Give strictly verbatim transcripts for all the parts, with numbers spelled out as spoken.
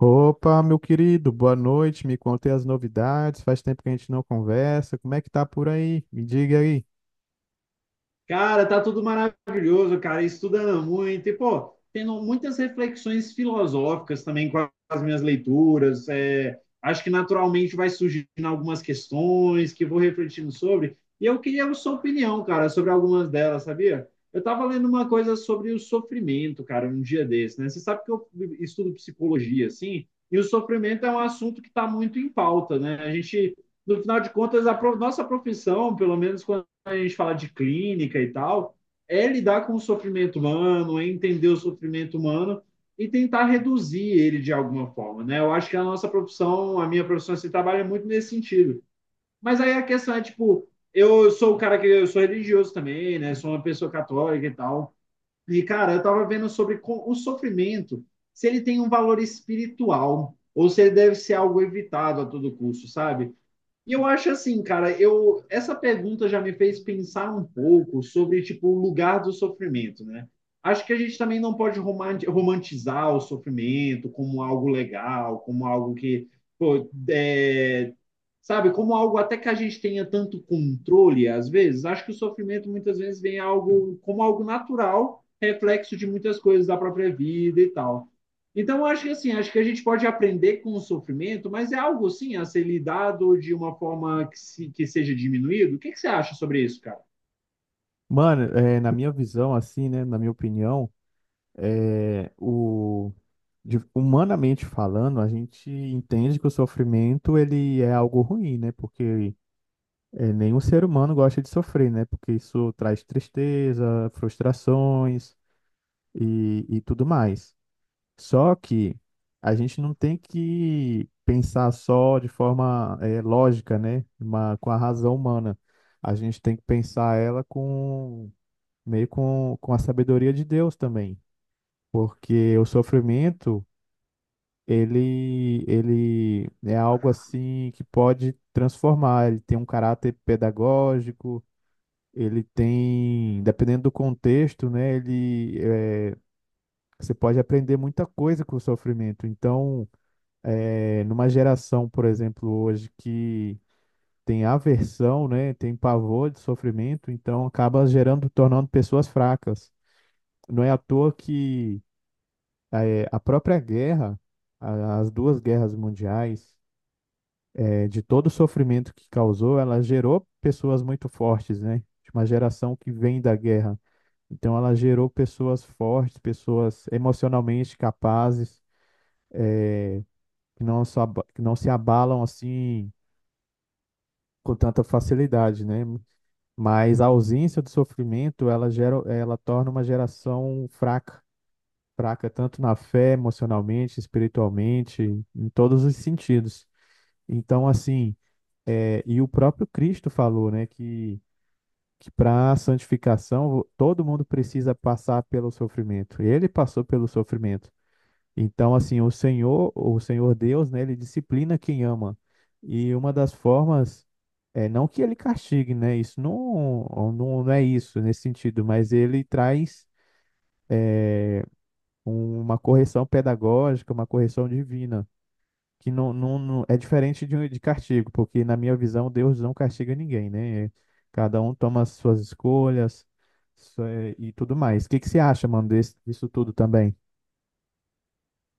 Opa, meu querido, boa noite. Me contei as novidades. Faz tempo que a gente não conversa. Como é que tá por aí? Me diga aí. Cara, tá tudo maravilhoso, cara, estudando muito e, pô, tendo muitas reflexões filosóficas também com as minhas leituras. É, acho que naturalmente vai surgindo algumas questões que eu vou refletindo sobre. E eu queria a sua opinião, cara, sobre algumas delas, sabia? Eu tava lendo uma coisa sobre o sofrimento, cara, um dia desse, né? Você sabe que eu estudo psicologia, assim, e o sofrimento é um assunto que tá muito em pauta, né? A gente, no final de contas, a pro- nossa profissão, pelo menos quando a gente fala de clínica e tal, é lidar com o sofrimento humano, é entender o sofrimento humano e tentar reduzir ele de alguma forma, né? Eu acho que a nossa profissão, a minha profissão, se assim, trabalha muito nesse sentido. Mas aí a questão é, tipo, eu sou o cara que eu sou religioso também, né? Sou uma pessoa católica e tal. E, cara, eu tava vendo sobre o sofrimento, se ele tem um valor espiritual ou se ele deve ser algo evitado a todo custo, sabe? E eu acho assim, cara, eu essa pergunta já me fez pensar um pouco sobre tipo o lugar do sofrimento, né? Acho que a gente também não pode romanti- romantizar o sofrimento como algo legal, como algo que, pô, é, sabe, como algo até que a gente tenha tanto controle às vezes. Acho que o sofrimento muitas vezes vem algo como algo natural, reflexo de muitas coisas da própria vida e tal. Então, acho que assim, acho que a gente pode aprender com o sofrimento, mas é algo sim a ser lidado de uma forma que, se, que seja diminuído. O que, que você acha sobre isso, cara? Mano, é, na minha visão, assim, né? Na minha opinião, é, o, de- humanamente falando, a gente entende que o sofrimento ele é algo ruim, né? Porque é, nenhum ser humano gosta de sofrer, né? Porque isso traz tristeza, frustrações e, e tudo mais. Só que a gente não tem que pensar só de forma eh, lógica, né? Uma, com a razão humana. A gente tem que pensar ela com meio com, com a sabedoria de Deus também. Porque o sofrimento, ele, ele é algo assim que pode transformar. Ele tem um caráter pedagógico, ele tem, dependendo do contexto, né? Ele, eh, você pode aprender muita coisa com o sofrimento. Então, é, numa geração, por exemplo, hoje que tem aversão, né, tem pavor de sofrimento, então acaba gerando, tornando pessoas fracas. Não é à toa que é, a própria guerra, a- as duas guerras mundiais, é, de todo o sofrimento que causou, ela gerou pessoas muito fortes, né? De uma geração que vem da guerra. Então ela gerou pessoas fortes, pessoas emocionalmente capazes, eh, que não, se aba- que não se abalam assim com tanta facilidade, né? Mas a ausência do sofrimento, ela gera, ela torna uma geração fraca, fraca tanto na fé, emocionalmente, espiritualmente, em todos os sentidos. Então, assim, é, e o próprio Cristo falou, né, que que para a santificação todo mundo precisa passar pelo sofrimento. Ele passou pelo sofrimento. Então, assim, o Senhor, o Senhor Deus, né, ele disciplina quem ama. E uma das formas é não que ele castigue, né? Isso não, não, não é isso nesse sentido, mas ele traz um- uma correção pedagógica, uma correção divina, que não, não, não- é diferente de, um de castigo, porque na minha visão Deus não castiga ninguém, né? Cada um toma as suas escolhas, isso é e tudo mais. O que que você acha, mano, desse, disso tudo também?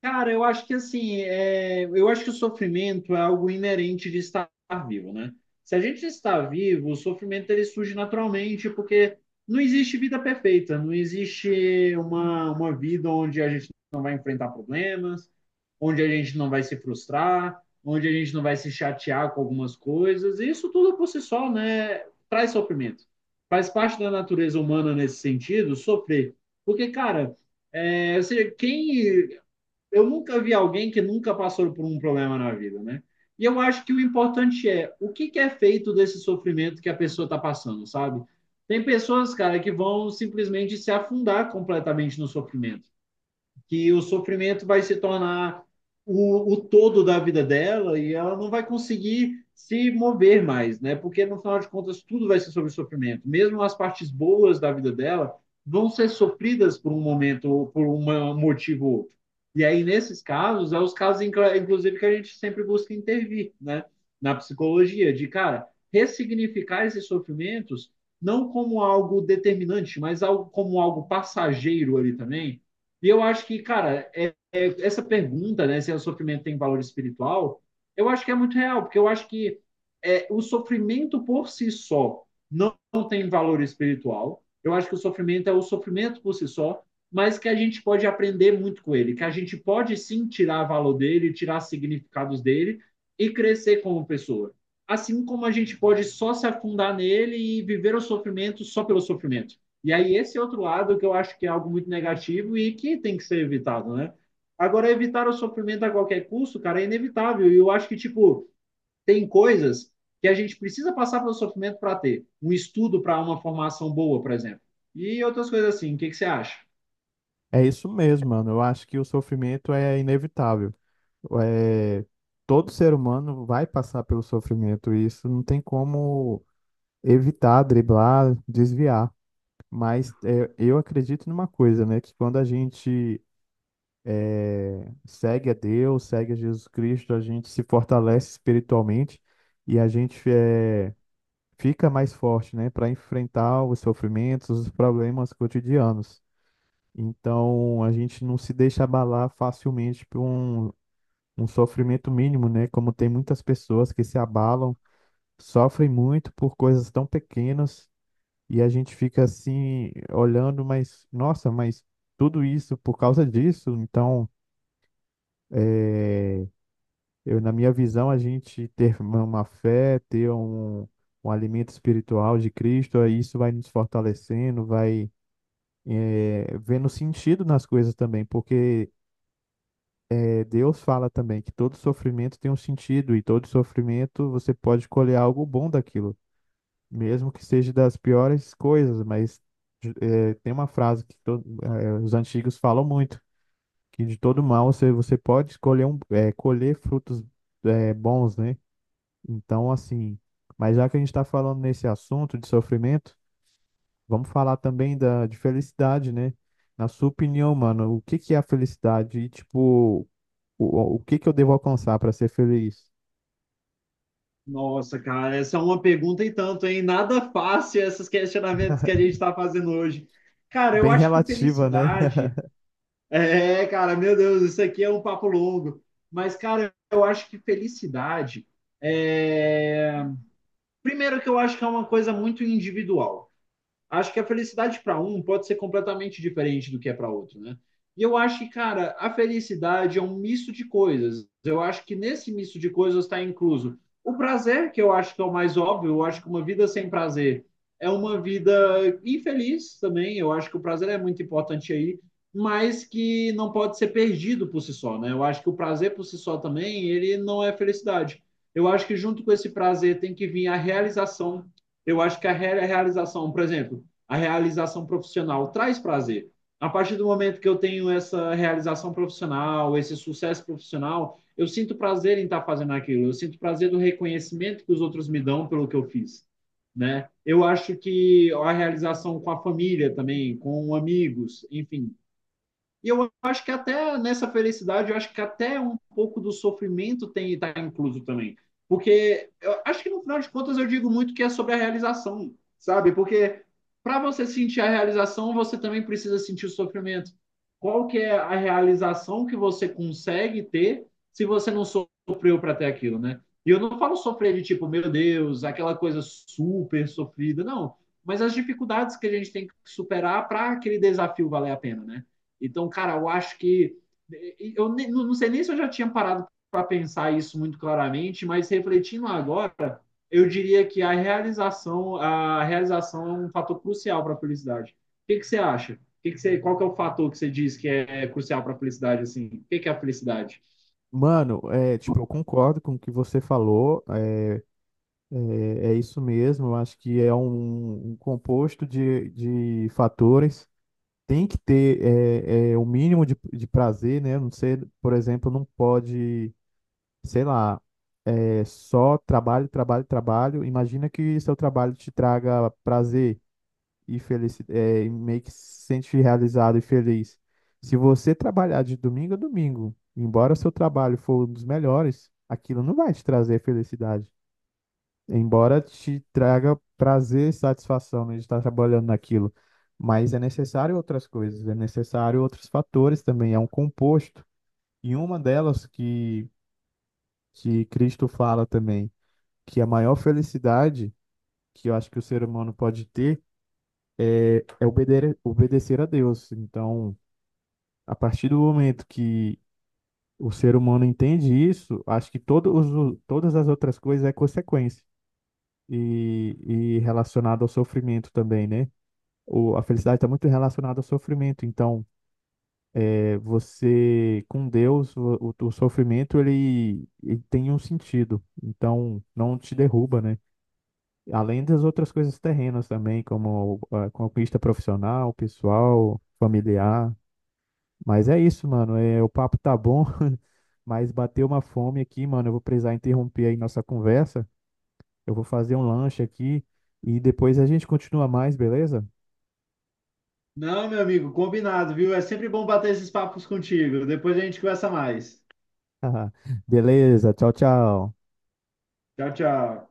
Cara, eu acho que assim, é, eu acho que o sofrimento é algo inerente de estar vivo, né? Se a gente está vivo, o sofrimento ele surge naturalmente, porque não existe vida perfeita, não existe uma, uma vida onde a gente não vai enfrentar problemas, onde a gente não vai se frustrar, onde a gente não vai se chatear com algumas coisas. E isso tudo por si só, né, traz sofrimento. Faz parte da natureza humana nesse sentido, sofrer. Porque, cara, é, ou seja, quem eu nunca vi alguém que nunca passou por um problema na vida, né? E eu acho que o importante é o que, que é feito desse sofrimento que a pessoa está passando, sabe? Tem pessoas, cara, que vão simplesmente se afundar completamente no sofrimento que o sofrimento vai se tornar o, o todo da vida dela e ela não vai conseguir se mover mais, né? Porque no final de contas tudo vai ser sobre sofrimento, mesmo as partes boas da vida dela vão ser sofridas por um momento, por um motivo ou outro. E aí nesses casos, é os casos inclusive que a gente sempre busca intervir, né? Na psicologia, de cara, ressignificar esses sofrimentos não como algo determinante, mas algo, como algo passageiro ali também, e eu acho que, cara, é, é, essa pergunta, né, se é o sofrimento tem valor espiritual, eu acho que é muito real, porque eu acho que é, o sofrimento por si só não tem valor espiritual. Eu acho que o sofrimento é o sofrimento por si só, mas que a gente pode aprender muito com ele, que a gente pode sim tirar valor dele, tirar significados dele e crescer como pessoa. Assim como a gente pode só se afundar nele e viver o sofrimento só pelo sofrimento. E aí, esse outro lado que eu acho que é algo muito negativo e que tem que ser evitado, né? Agora, evitar o sofrimento a qualquer custo, cara, é inevitável. E eu acho que, tipo, tem coisas que a gente precisa passar pelo sofrimento para ter. Um estudo para uma formação boa, por exemplo. E outras coisas assim. O que que você acha? É isso mesmo, mano. Eu acho que o sofrimento é inevitável. É, todo ser humano vai passar pelo sofrimento, e isso não tem como evitar, driblar, desviar. Mas é, eu acredito numa coisa, né? Que quando a gente é, segue a Deus, segue a Jesus Cristo, a gente se fortalece espiritualmente e a gente é, fica mais forte, né? Para enfrentar os sofrimentos, os problemas cotidianos. Então a gente não se deixa abalar facilmente por um, um sofrimento mínimo, né? Como tem muitas pessoas que se abalam, sofrem muito por coisas tão pequenas e a gente fica assim olhando, mas nossa, mas tudo isso por causa disso. Então, é, eu, na minha visão, a gente ter uma uma fé, ter um, um alimento espiritual de Cristo, aí isso vai nos fortalecendo, vai. É, vendo sentido nas coisas também, porque Deus fala também que todo sofrimento tem um sentido e todo sofrimento você pode colher algo bom daquilo, mesmo que seja das piores coisas. Mas eh, tem uma frase que to- eh, os antigos falam muito, que de todo mal você, você pode escolher um, eh, colher frutos eh, bons, né? Então, assim, mas já que a gente está falando nesse assunto de sofrimento, vamos falar também da, de felicidade, né? Na sua opinião, mano, o que que é a felicidade? E, tipo, o, o que que eu devo alcançar para ser feliz? Nossa, cara, essa é uma pergunta e tanto, hein? Nada fácil esses questionamentos que a gente está fazendo hoje. Cara, eu Bem acho que relativa, né? felicidade é, cara, meu Deus, isso aqui é um papo longo. Mas, cara, eu acho que felicidade é. Primeiro, que eu acho que é uma coisa muito individual, acho que a felicidade para um pode ser completamente diferente do que é para outro, né? E eu acho que, cara, a felicidade é um misto de coisas. Eu acho que nesse misto de coisas está incluso o prazer, que eu acho que é o mais óbvio. Eu acho que uma vida sem prazer é uma vida infeliz também. Eu acho que o prazer é muito importante aí, mas que não pode ser perdido por si só, né? Eu acho que o prazer por si só também, ele não é felicidade. Eu acho que junto com esse prazer tem que vir a realização. Eu acho que a re- a realização, por exemplo, a realização profissional traz prazer. A partir do momento que eu tenho essa realização profissional, esse sucesso profissional, eu sinto prazer em estar fazendo aquilo. Eu sinto prazer do reconhecimento que os outros me dão pelo que eu fiz, né? Eu acho que a realização com a família também, com amigos, enfim, e eu acho que até nessa felicidade, eu acho que até um pouco do sofrimento tem está incluso também. Porque eu acho que no final de contas eu digo muito que é sobre a realização, sabe? Porque para você sentir a realização, você também precisa sentir o sofrimento. Qual que é a realização que você consegue ter se você não sofreu para ter aquilo, né? E eu não falo sofrer de tipo, meu Deus, aquela coisa super sofrida, não. Mas as dificuldades que a gente tem que superar para aquele desafio valer a pena, né? Então, cara, eu acho que. Eu não sei nem se eu já tinha parado para pensar isso muito claramente, mas refletindo agora, eu diria que a realização, a realização é um fator crucial para a felicidade. O que, que você acha? O que que você, qual que é o fator que você diz que é crucial para a felicidade? Assim? O que, que é a felicidade? Mano, é, tipo, eu concordo com o que você falou, é, é é isso mesmo, eu acho que é um, um composto de, de fatores, tem que ter é, é, o mínimo de, de prazer, né? Não sei, por exemplo, não pode, sei lá, é, só trabalho, trabalho, trabalho, imagina que seu trabalho te traga prazer, e feliz, é, e meio que se sente realizado e feliz. Se você trabalhar de domingo a domingo, embora seu trabalho for um dos melhores, aquilo não vai te trazer felicidade. Embora te traga prazer e satisfação, né, de estar trabalhando naquilo. Mas é necessário outras coisas, é necessário outros fatores também, é um composto. E uma delas que, que Cristo fala também, que a maior felicidade que eu acho que o ser humano pode ter é obede- obedecer a Deus. Então, a partir do momento que o ser humano entende isso, acho que todos, os- todas as outras coisas é consequência e, e relacionado ao sofrimento também, né? O, a felicidade está muito relacionada ao sofrimento. Então, é, você com Deus, o, o, o sofrimento ele, ele tem um sentido. Então, não te derruba, né? Além das outras coisas terrenas também, como a conquista profissional, pessoal, familiar. Mas é isso, mano. É, o papo tá bom. Mas bateu uma fome aqui, mano. Eu vou precisar interromper aí nossa conversa. Eu vou fazer um lanche aqui e depois a gente continua mais, beleza? Não, meu amigo, combinado, viu? É sempre bom bater esses papos contigo. Depois a gente conversa mais. Beleza, tchau, tchau. Tchau, tchau.